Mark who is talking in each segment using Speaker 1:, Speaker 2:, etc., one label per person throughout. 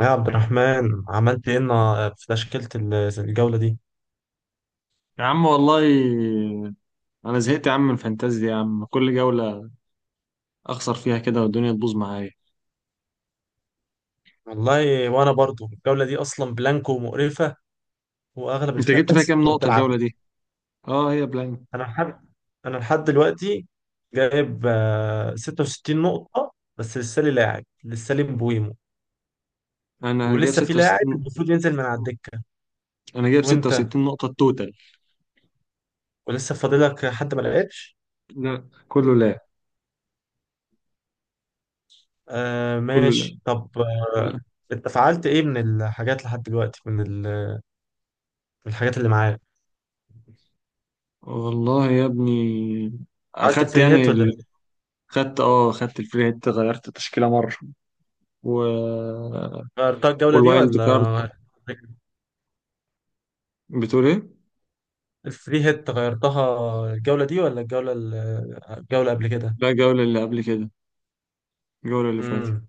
Speaker 1: يا عبد الرحمن، عملت ايه في تشكيلة الجولة دي؟
Speaker 2: يا عم والله، انا زهقت يا عم من الفانتازيا، يا عم كل جولة اخسر فيها كده والدنيا تبوظ معايا.
Speaker 1: والله وانا برضو الجولة دي اصلا بلانكو ومقرفة، واغلب
Speaker 2: انت
Speaker 1: الفرق
Speaker 2: جبت فيها كام
Speaker 1: ما
Speaker 2: نقطة
Speaker 1: بتلعب.
Speaker 2: الجولة دي؟ اه هي بلان.
Speaker 1: انا لحد انا لحد دلوقتي جايب 66 نقطة بس، لسه لي لاعب، لسه لي مبويمو،
Speaker 2: انا
Speaker 1: ولسه في
Speaker 2: جايب
Speaker 1: لاعب
Speaker 2: 66
Speaker 1: المفروض ينزل من على الدكة.
Speaker 2: انا جايب
Speaker 1: وانت،
Speaker 2: 66 نقطة التوتال.
Speaker 1: ولسه فاضلك حد ما لعبش؟
Speaker 2: لا كله لا،
Speaker 1: آه،
Speaker 2: كله لا،
Speaker 1: ماشي، طب
Speaker 2: كله
Speaker 1: آه،
Speaker 2: لا.
Speaker 1: انت فعلت ايه من الحاجات لحد دلوقتي من من الحاجات اللي معاك؟
Speaker 2: والله يا ابني،
Speaker 1: عملت
Speaker 2: اخدت
Speaker 1: الفري
Speaker 2: يعني
Speaker 1: هيت ولا
Speaker 2: ال- خدت الفري هيت، غيرت تشكيلة مرة و...
Speaker 1: غيرتها الجولة دي
Speaker 2: والوايلد كارد.
Speaker 1: ولا
Speaker 2: بتقول ايه؟
Speaker 1: الفري هيت غيرتها الجولة دي ولا الجولة قبل كده؟
Speaker 2: لا، الجولة اللي قبل كده، الجولة اللي فاتت.
Speaker 1: امم.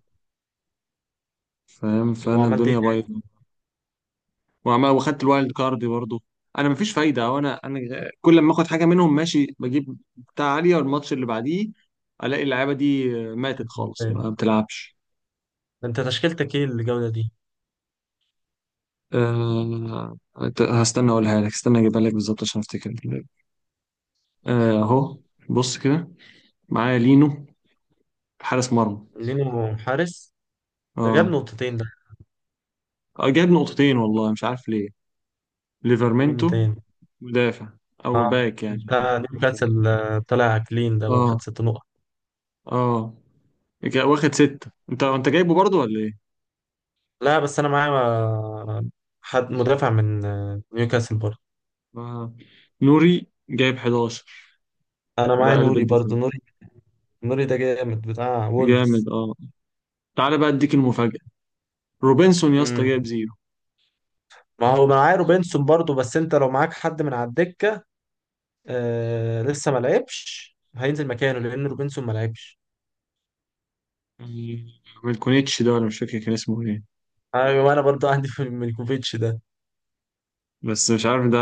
Speaker 2: فاهم، فانا
Speaker 1: وعملت ايه
Speaker 2: الدنيا بايظة. وعمال واخدت الوايلد كارد برضه. انا مفيش فايده، او انا. كل لما اخد حاجه منهم ماشي، بجيب بتاع عاليه والماتش اللي بعديه الاقي اللعيبه دي ماتت خالص،
Speaker 1: تاني؟
Speaker 2: ما بتلعبش.
Speaker 1: انت تشكيلتك ايه الجولة دي؟
Speaker 2: أه... هستنى اقولها لك، استنى اجيبها لك بالظبط عشان افتكر. اهو، بص كده. معايا لينو حارس مرمى.
Speaker 1: لينو حارس، ده جاب
Speaker 2: اه.
Speaker 1: نقطتين ده.
Speaker 2: جاب نقطتين والله مش عارف ليه.
Speaker 1: مين
Speaker 2: ليفرمنتو،
Speaker 1: تاني؟
Speaker 2: مدافع او
Speaker 1: اه،
Speaker 2: باك يعني.
Speaker 1: بتاع نيوكاسل، طلع كلين ده،
Speaker 2: اه،
Speaker 1: واخد ست نقط.
Speaker 2: اه. واخد 6. انت جايبه برضو ولا ايه؟
Speaker 1: لا بس انا معايا حد مدافع من نيوكاسل برضه.
Speaker 2: آه. نوري جايب 11،
Speaker 1: انا
Speaker 2: ده
Speaker 1: معايا
Speaker 2: قلب
Speaker 1: نوري
Speaker 2: الدفاع.
Speaker 1: برضه. نوري، نوري ده جامد بتاع وولفز.
Speaker 2: جامد اه. تعالى بقى اديك المفاجأة. روبنسون يا اسطى جايب زيرو.
Speaker 1: ما هو معاه روبنسون برضو، بس انت لو معاك حد من على الدكه لسه ما لعبش، هينزل مكانه لان روبنسون ما لعبش.
Speaker 2: يعني ميلكونيتش ده، ولا مش فاكر كان اسمه ايه.
Speaker 1: ايوه، انا برضو عندي في ميلكوفيتش ده.
Speaker 2: بس مش عارف ده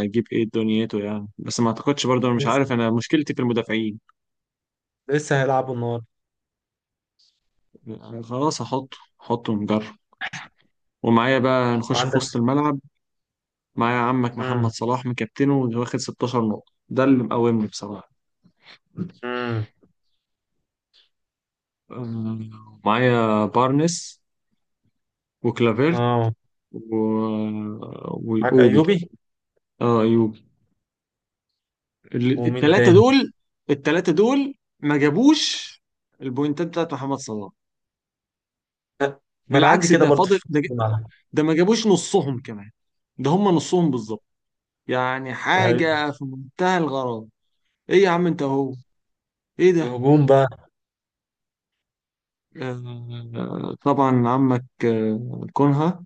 Speaker 2: هيجيب ايه دنيته يعني، بس ما اعتقدش برضه، انا مش عارف،
Speaker 1: لسه
Speaker 2: انا مشكلتي في المدافعين.
Speaker 1: لسه هيلعبوا النهارده.
Speaker 2: يعني خلاص هحطه ونجرب. ومعايا بقى نخش في
Speaker 1: وعندك؟
Speaker 2: وسط الملعب. معايا عمك محمد
Speaker 1: امم،
Speaker 2: صلاح مكابتنه واخد 16 نقطة، ده اللي مقومني بصراحة.
Speaker 1: امم.
Speaker 2: معايا بارنس وكلافيرت
Speaker 1: اه،
Speaker 2: و...
Speaker 1: معاك
Speaker 2: والاوبي.
Speaker 1: ايوبي.
Speaker 2: اه، ايوبي.
Speaker 1: ومين
Speaker 2: التلاتة
Speaker 1: تاني؟
Speaker 2: دول، التلاتة دول ما جابوش البوينتات بتاعت محمد صلاح،
Speaker 1: لا، ما انا عندي
Speaker 2: بالعكس.
Speaker 1: كده
Speaker 2: ده
Speaker 1: برضو
Speaker 2: فاضل
Speaker 1: في
Speaker 2: ده،
Speaker 1: الملعب.
Speaker 2: ده ما جابوش نصهم كمان، ده هم نصهم بالظبط. يعني
Speaker 1: ايوه،
Speaker 2: حاجة في منتهى الغرابة. ايه يا عم انت، ايه ده؟
Speaker 1: الهجوم بقى.
Speaker 2: آه طبعا، عمك كونها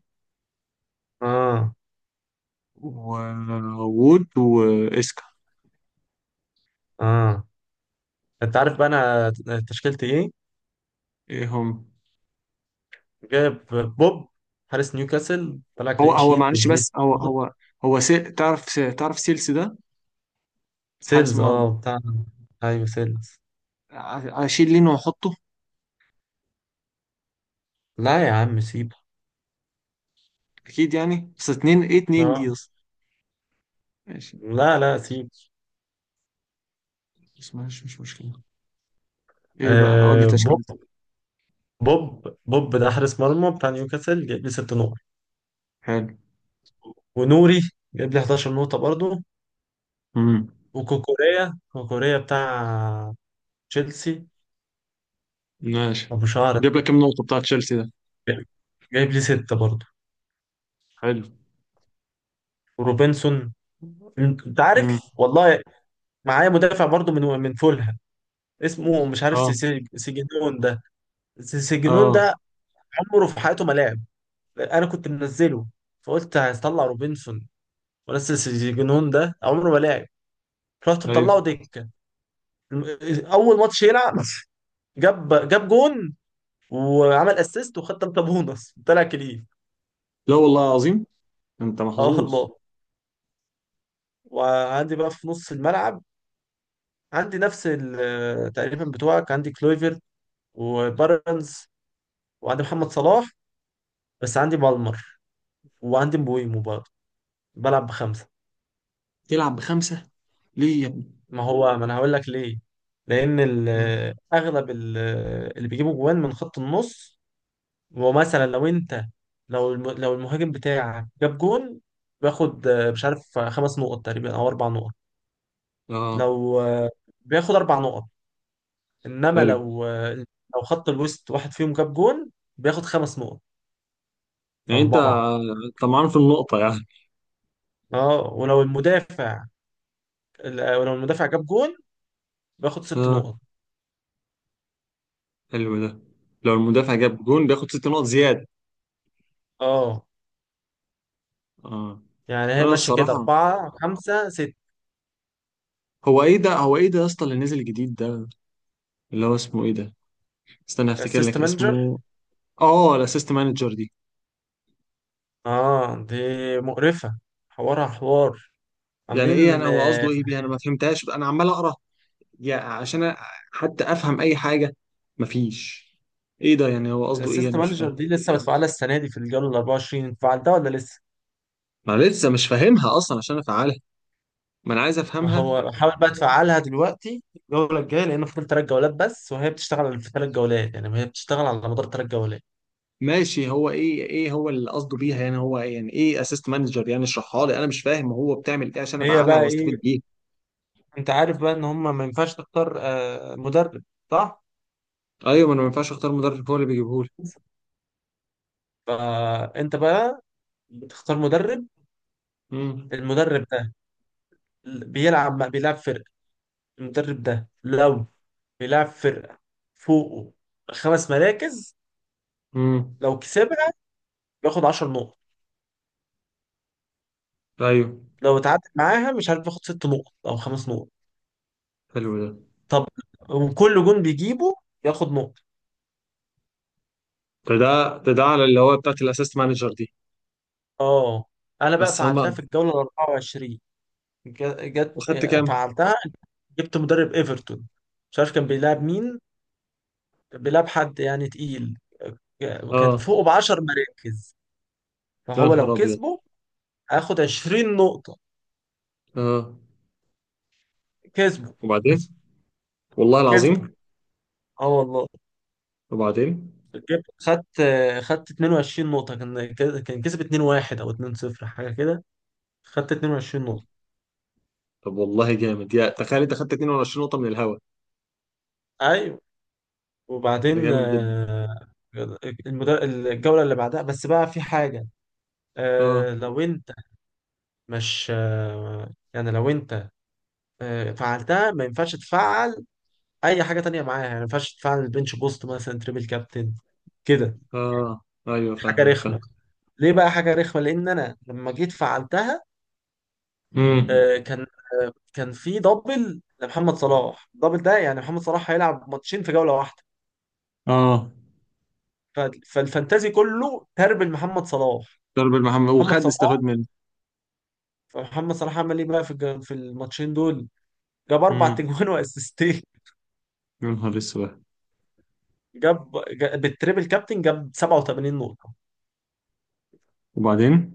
Speaker 1: اه،
Speaker 2: ووود واسكا.
Speaker 1: اه، انت عارف بقى انا تشكيلتي ايه؟
Speaker 2: ايه هم؟
Speaker 1: جايب بوب، حارس نيوكاسل طلع
Speaker 2: هو
Speaker 1: كلين
Speaker 2: هو
Speaker 1: شيت،
Speaker 2: معلش،
Speaker 1: مديني.
Speaker 2: بس هو هو هو سي... تعرف سيلسي ده؟ حارس
Speaker 1: سيلز؟
Speaker 2: مرمى.
Speaker 1: اه بتاع. ايوه، سيلز.
Speaker 2: اشيل لين واحطه.
Speaker 1: لا يا عم سيبه.
Speaker 2: اكيد يعني، بس اتنين، ايه اتنين دي
Speaker 1: اه.
Speaker 2: اصلا. ماشي.
Speaker 1: لا، لا، سيب.
Speaker 2: بس ماشي، مش مشكلة. ايه بقى، اقول لي
Speaker 1: آه،
Speaker 2: تشكيلتك.
Speaker 1: بوب ده حارس مرمى بتاع نيوكاسل، جايب لي ست نقط.
Speaker 2: حلو.
Speaker 1: ونوري جايب لي 11 نقطة برضه.
Speaker 2: امم،
Speaker 1: وكوكوريا، كوكوريا بتاع تشيلسي،
Speaker 2: ماشي.
Speaker 1: ابو شعر،
Speaker 2: جاب لك كم نقطة بتاع تشيلسي ده؟
Speaker 1: ده جايب لي ستة برضه.
Speaker 2: حلو.
Speaker 1: وروبنسون، انت عارف.
Speaker 2: امم.
Speaker 1: والله معايا مدافع برضه من فولهام، اسمه مش عارف،
Speaker 2: اه،
Speaker 1: سيجنون ده. سيجنون
Speaker 2: اه،
Speaker 1: ده عمره في حياته ما لعب. انا كنت منزله، فقلت هطلع روبنسون وانزل سيجنون ده. عمره ما لعب، رحت مطلعه
Speaker 2: ايوه.
Speaker 1: دكه. اول ماتش يلعب جاب جون، وعمل اسيست، وخد تلاتة بونص، طلع كليف.
Speaker 2: لا والله عظيم، انت
Speaker 1: اه
Speaker 2: محظوظ.
Speaker 1: والله. وعندي بقى في نص الملعب، عندي نفس تقريبا بتوعك. عندي كلويفر وبارنز، وعندي محمد صلاح، بس عندي بالمر وعندي مبويمو برضه. بلعب بخمسه.
Speaker 2: تلعب بخمسة ليه يا ابني؟
Speaker 1: ما هو ما انا هقول لك ليه، لان
Speaker 2: مم.
Speaker 1: اغلب اللي بيجيبوا جوان من خط النص. ومثلا لو انت، لو لو المهاجم بتاعك جاب جون، بياخد مش عارف خمس نقط تقريبا او اربع نقط.
Speaker 2: اه،
Speaker 1: لو آه، بياخد اربع نقط. انما
Speaker 2: حلو.
Speaker 1: لو خط الوسط واحد فيهم جاب جون، بياخد خمس نقط.
Speaker 2: يعني انت
Speaker 1: فاربعه.
Speaker 2: انت معانا في النقطة يعني.
Speaker 1: اه، ولو المدافع جاب جون، بياخد ست
Speaker 2: اه،
Speaker 1: نقط.
Speaker 2: حلو ده. لو المدافع جاب جون بياخد 6 نقط زيادة.
Speaker 1: اه،
Speaker 2: اه.
Speaker 1: يعني هي
Speaker 2: انا
Speaker 1: ماشيه كده،
Speaker 2: الصراحة،
Speaker 1: اربعه خمسه ست.
Speaker 2: هو ايه ده يا اسطى اللي نزل جديد ده، اللي هو اسمه ايه ده؟ استنى افتكر
Speaker 1: اسيست
Speaker 2: لك
Speaker 1: مانجر.
Speaker 2: اسمه. اه، الاسيست مانجر دي
Speaker 1: اه، دي مقرفة، حوارها حوار،
Speaker 2: يعني ايه؟ انا
Speaker 1: عاملين.
Speaker 2: هو قصده ايه بيها؟ انا ما فهمتهاش، انا عمال اقرا يعني عشان حتى افهم اي حاجه، مفيش. ايه ده يعني؟ هو قصده ايه؟
Speaker 1: الاسيست
Speaker 2: انا مش فاهم.
Speaker 1: مانجر دي لسه بتفعلها السنة دي؟ في الجولة ال 24 فعلتها ولا لسه؟
Speaker 2: ما أنا لسه مش فاهمها اصلا عشان افعلها. ما انا عايز
Speaker 1: ما
Speaker 2: افهمها.
Speaker 1: هو بحاول بقى تفعلها دلوقتي الجولة الجاية، لأن فاضل تلات جولات بس، وهي بتشتغل في تلات جولات. يعني هي بتشتغل على مدار تلات جولات.
Speaker 2: ماشي، هو ايه، هو اللي قصده بيها يعني؟ هو إيه يعني، ايه اسيست مانجر يعني؟ اشرحها لي انا مش فاهم هو بتعمل ايه عشان
Speaker 1: هي
Speaker 2: افعلها
Speaker 1: بقى
Speaker 2: واستفيد
Speaker 1: إيه؟
Speaker 2: بيها.
Speaker 1: أنت عارف بقى إن هما ما ينفعش تختار مدرب، صح؟
Speaker 2: ايوه، ما انا ما ينفعش اختار مدرب، هو اللي بيجيبهولي.
Speaker 1: فأنت بقى بتختار مدرب.
Speaker 2: امم،
Speaker 1: المدرب ده بيلعب فرق. المدرب ده لو بيلعب فرقة فوقه خمس مراكز،
Speaker 2: امم.
Speaker 1: لو كسبها بياخد 10 نقط.
Speaker 2: ايوه.
Speaker 1: لو اتعادل معاها، مش عارف، بياخد ست نقط او خمس نقط.
Speaker 2: حلو ده
Speaker 1: طب. وكل جون بيجيبه ياخد نقطة.
Speaker 2: ده ده ده ده على اللي هو بتاعت الاسيست مانجر دي.
Speaker 1: اه، انا بقى
Speaker 2: بس
Speaker 1: فعلتها
Speaker 2: هم.
Speaker 1: في الجولة ال 24. جت
Speaker 2: وخدت كام؟
Speaker 1: فعلتها. جبت مدرب ايفرتون، مش عارف كان بيلعب مين، بيلعب حد يعني تقيل، كان
Speaker 2: اه.
Speaker 1: فوقه ب 10 مراكز.
Speaker 2: يا
Speaker 1: فهو
Speaker 2: نهار
Speaker 1: لو
Speaker 2: ابيض.
Speaker 1: كسبه هياخد 20 نقطة.
Speaker 2: اه،
Speaker 1: كسبه
Speaker 2: وبعدين. والله
Speaker 1: كسبه.
Speaker 2: العظيم.
Speaker 1: اه والله.
Speaker 2: وبعدين.
Speaker 1: جبت، خدت 22 نقطة. كان كسب 2-1 او 2-0 حاجة كده. خدت 22 نقطة.
Speaker 2: طب والله جامد، يا تخيل انت خدت 22 نقطة من الهوا.
Speaker 1: ايوه.
Speaker 2: ده
Speaker 1: وبعدين
Speaker 2: جامد جدا.
Speaker 1: الجولة اللي بعدها بس بقى في حاجة.
Speaker 2: اه،
Speaker 1: لو انت مش يعني لو انت فعلتها، ما ينفعش تفعل اي حاجة تانية معاها. يعني ما ينفعش تفعل البنش بوست مثلا، تريبل كابتن كده.
Speaker 2: اه، ايوه
Speaker 1: حاجة
Speaker 2: فاهمك، فاهم.
Speaker 1: رخمة. ليه بقى حاجة رخمة؟ لان انا لما جيت فعلتها
Speaker 2: امم.
Speaker 1: آه، كان كان في دبل لمحمد صلاح. الدبل ده يعني محمد صلاح هيلعب ماتشين في جولة واحدة.
Speaker 2: اه.
Speaker 1: ف- فالفانتازي كله تربل محمد صلاح.
Speaker 2: ضرب المحمد،
Speaker 1: محمد
Speaker 2: وخد استفاد
Speaker 1: صلاح،
Speaker 2: منه.
Speaker 1: فمحمد صلاح عمل ايه بقى في في الماتشين دول؟ جاب اربع
Speaker 2: امم.
Speaker 1: تجوان واسيستين.
Speaker 2: يا نهار اسود.
Speaker 1: بالتريبل كابتن جاب 87 نقطة.
Speaker 2: وبعدين.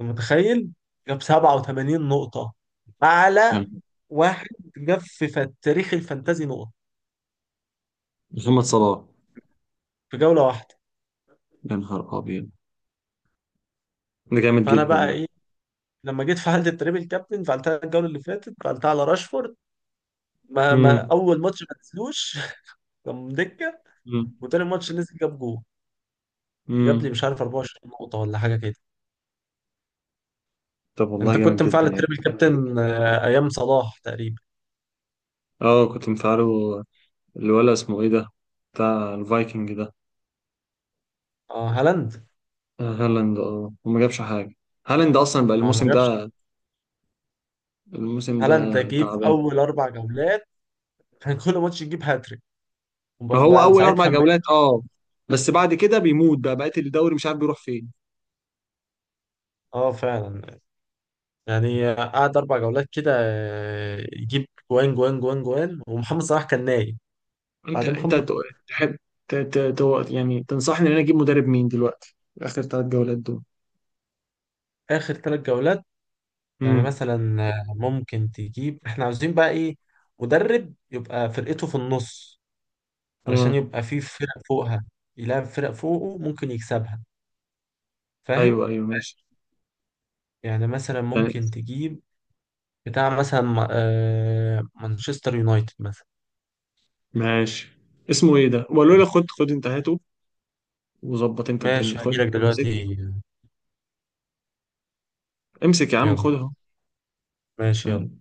Speaker 1: أنت متخيل؟ جاب 87 نقطة، اعلى
Speaker 2: يعني
Speaker 1: واحد جاب في تاريخ الفانتازي نقط
Speaker 2: محمد صلاح.
Speaker 1: في جولة واحدة.
Speaker 2: يا نهار ابيض. ده جامد
Speaker 1: فانا
Speaker 2: جدا
Speaker 1: بقى
Speaker 2: ده.
Speaker 1: ايه؟ لما جيت فعلت التريبل كابتن، فعلتها الجولة اللي فاتت، فعلتها على راشفورد. ما
Speaker 2: امم.
Speaker 1: اول ماتش ما نزلوش كان دكه.
Speaker 2: امم.
Speaker 1: وتاني ماتش نزل، جاب جول،
Speaker 2: امم.
Speaker 1: جاب لي مش عارف 24 نقطه ولا حاجه كده.
Speaker 2: طب والله
Speaker 1: انت
Speaker 2: جامد
Speaker 1: كنت مفعل
Speaker 2: جدا يا ابني.
Speaker 1: التريبل كابتن ايام صلاح تقريبا؟
Speaker 2: اه كنت مفعله. الولا اسمه ايه ده، بتاع الفايكنج ده؟
Speaker 1: اه، هالاند.
Speaker 2: هالاند. اه، وما جابش حاجة. هالاند اصلا بقى
Speaker 1: ما هو ما
Speaker 2: الموسم
Speaker 1: جابش.
Speaker 2: ده الموسم ده
Speaker 1: هالاند ده جه في
Speaker 2: تعبان.
Speaker 1: اول اربع جولات كان كل ماتش يجيب هاتريك، وبقى
Speaker 2: هو
Speaker 1: من
Speaker 2: اول اربع
Speaker 1: ساعتها
Speaker 2: جولات اه. بس بعد كده بيموت بقى بقية الدوري، مش عارف بيروح فين.
Speaker 1: اه فعلا. يعني قعد اربع جولات كده يجيب جوان جوان جوان جوان، ومحمد صلاح كان نايم.
Speaker 2: انت
Speaker 1: بعد
Speaker 2: انت
Speaker 1: محمد،
Speaker 2: تحب ت- ت- يعني تنصحني ان انا اجيب مدرب مين دلوقتي، اخر 3 جولات دول؟
Speaker 1: اخر ثلاث جولات، يعني
Speaker 2: امم.
Speaker 1: مثلا ممكن تجيب، احنا عاوزين بقى ايه، مدرب يبقى فرقته في النص، علشان
Speaker 2: اه،
Speaker 1: يبقى في فرق فوقها، يلعب فرق فوقه ممكن يكسبها.
Speaker 2: ايوه،
Speaker 1: فاهم.
Speaker 2: ايوه ماشي.
Speaker 1: يعني مثلا
Speaker 2: يعني
Speaker 1: ممكن تجيب بتاع مثلا مانشستر يونايتد مثلا.
Speaker 2: ماشي. اسمه ايه ده؟ وقالوا لي خد انتهاته. وظبط انت الدنيا.
Speaker 1: ماشي،
Speaker 2: خد
Speaker 1: هجيلك
Speaker 2: امسك،
Speaker 1: دلوقتي.
Speaker 2: امسك يا عم
Speaker 1: يلا،
Speaker 2: خدها.
Speaker 1: ماشي، يلا.
Speaker 2: سلام.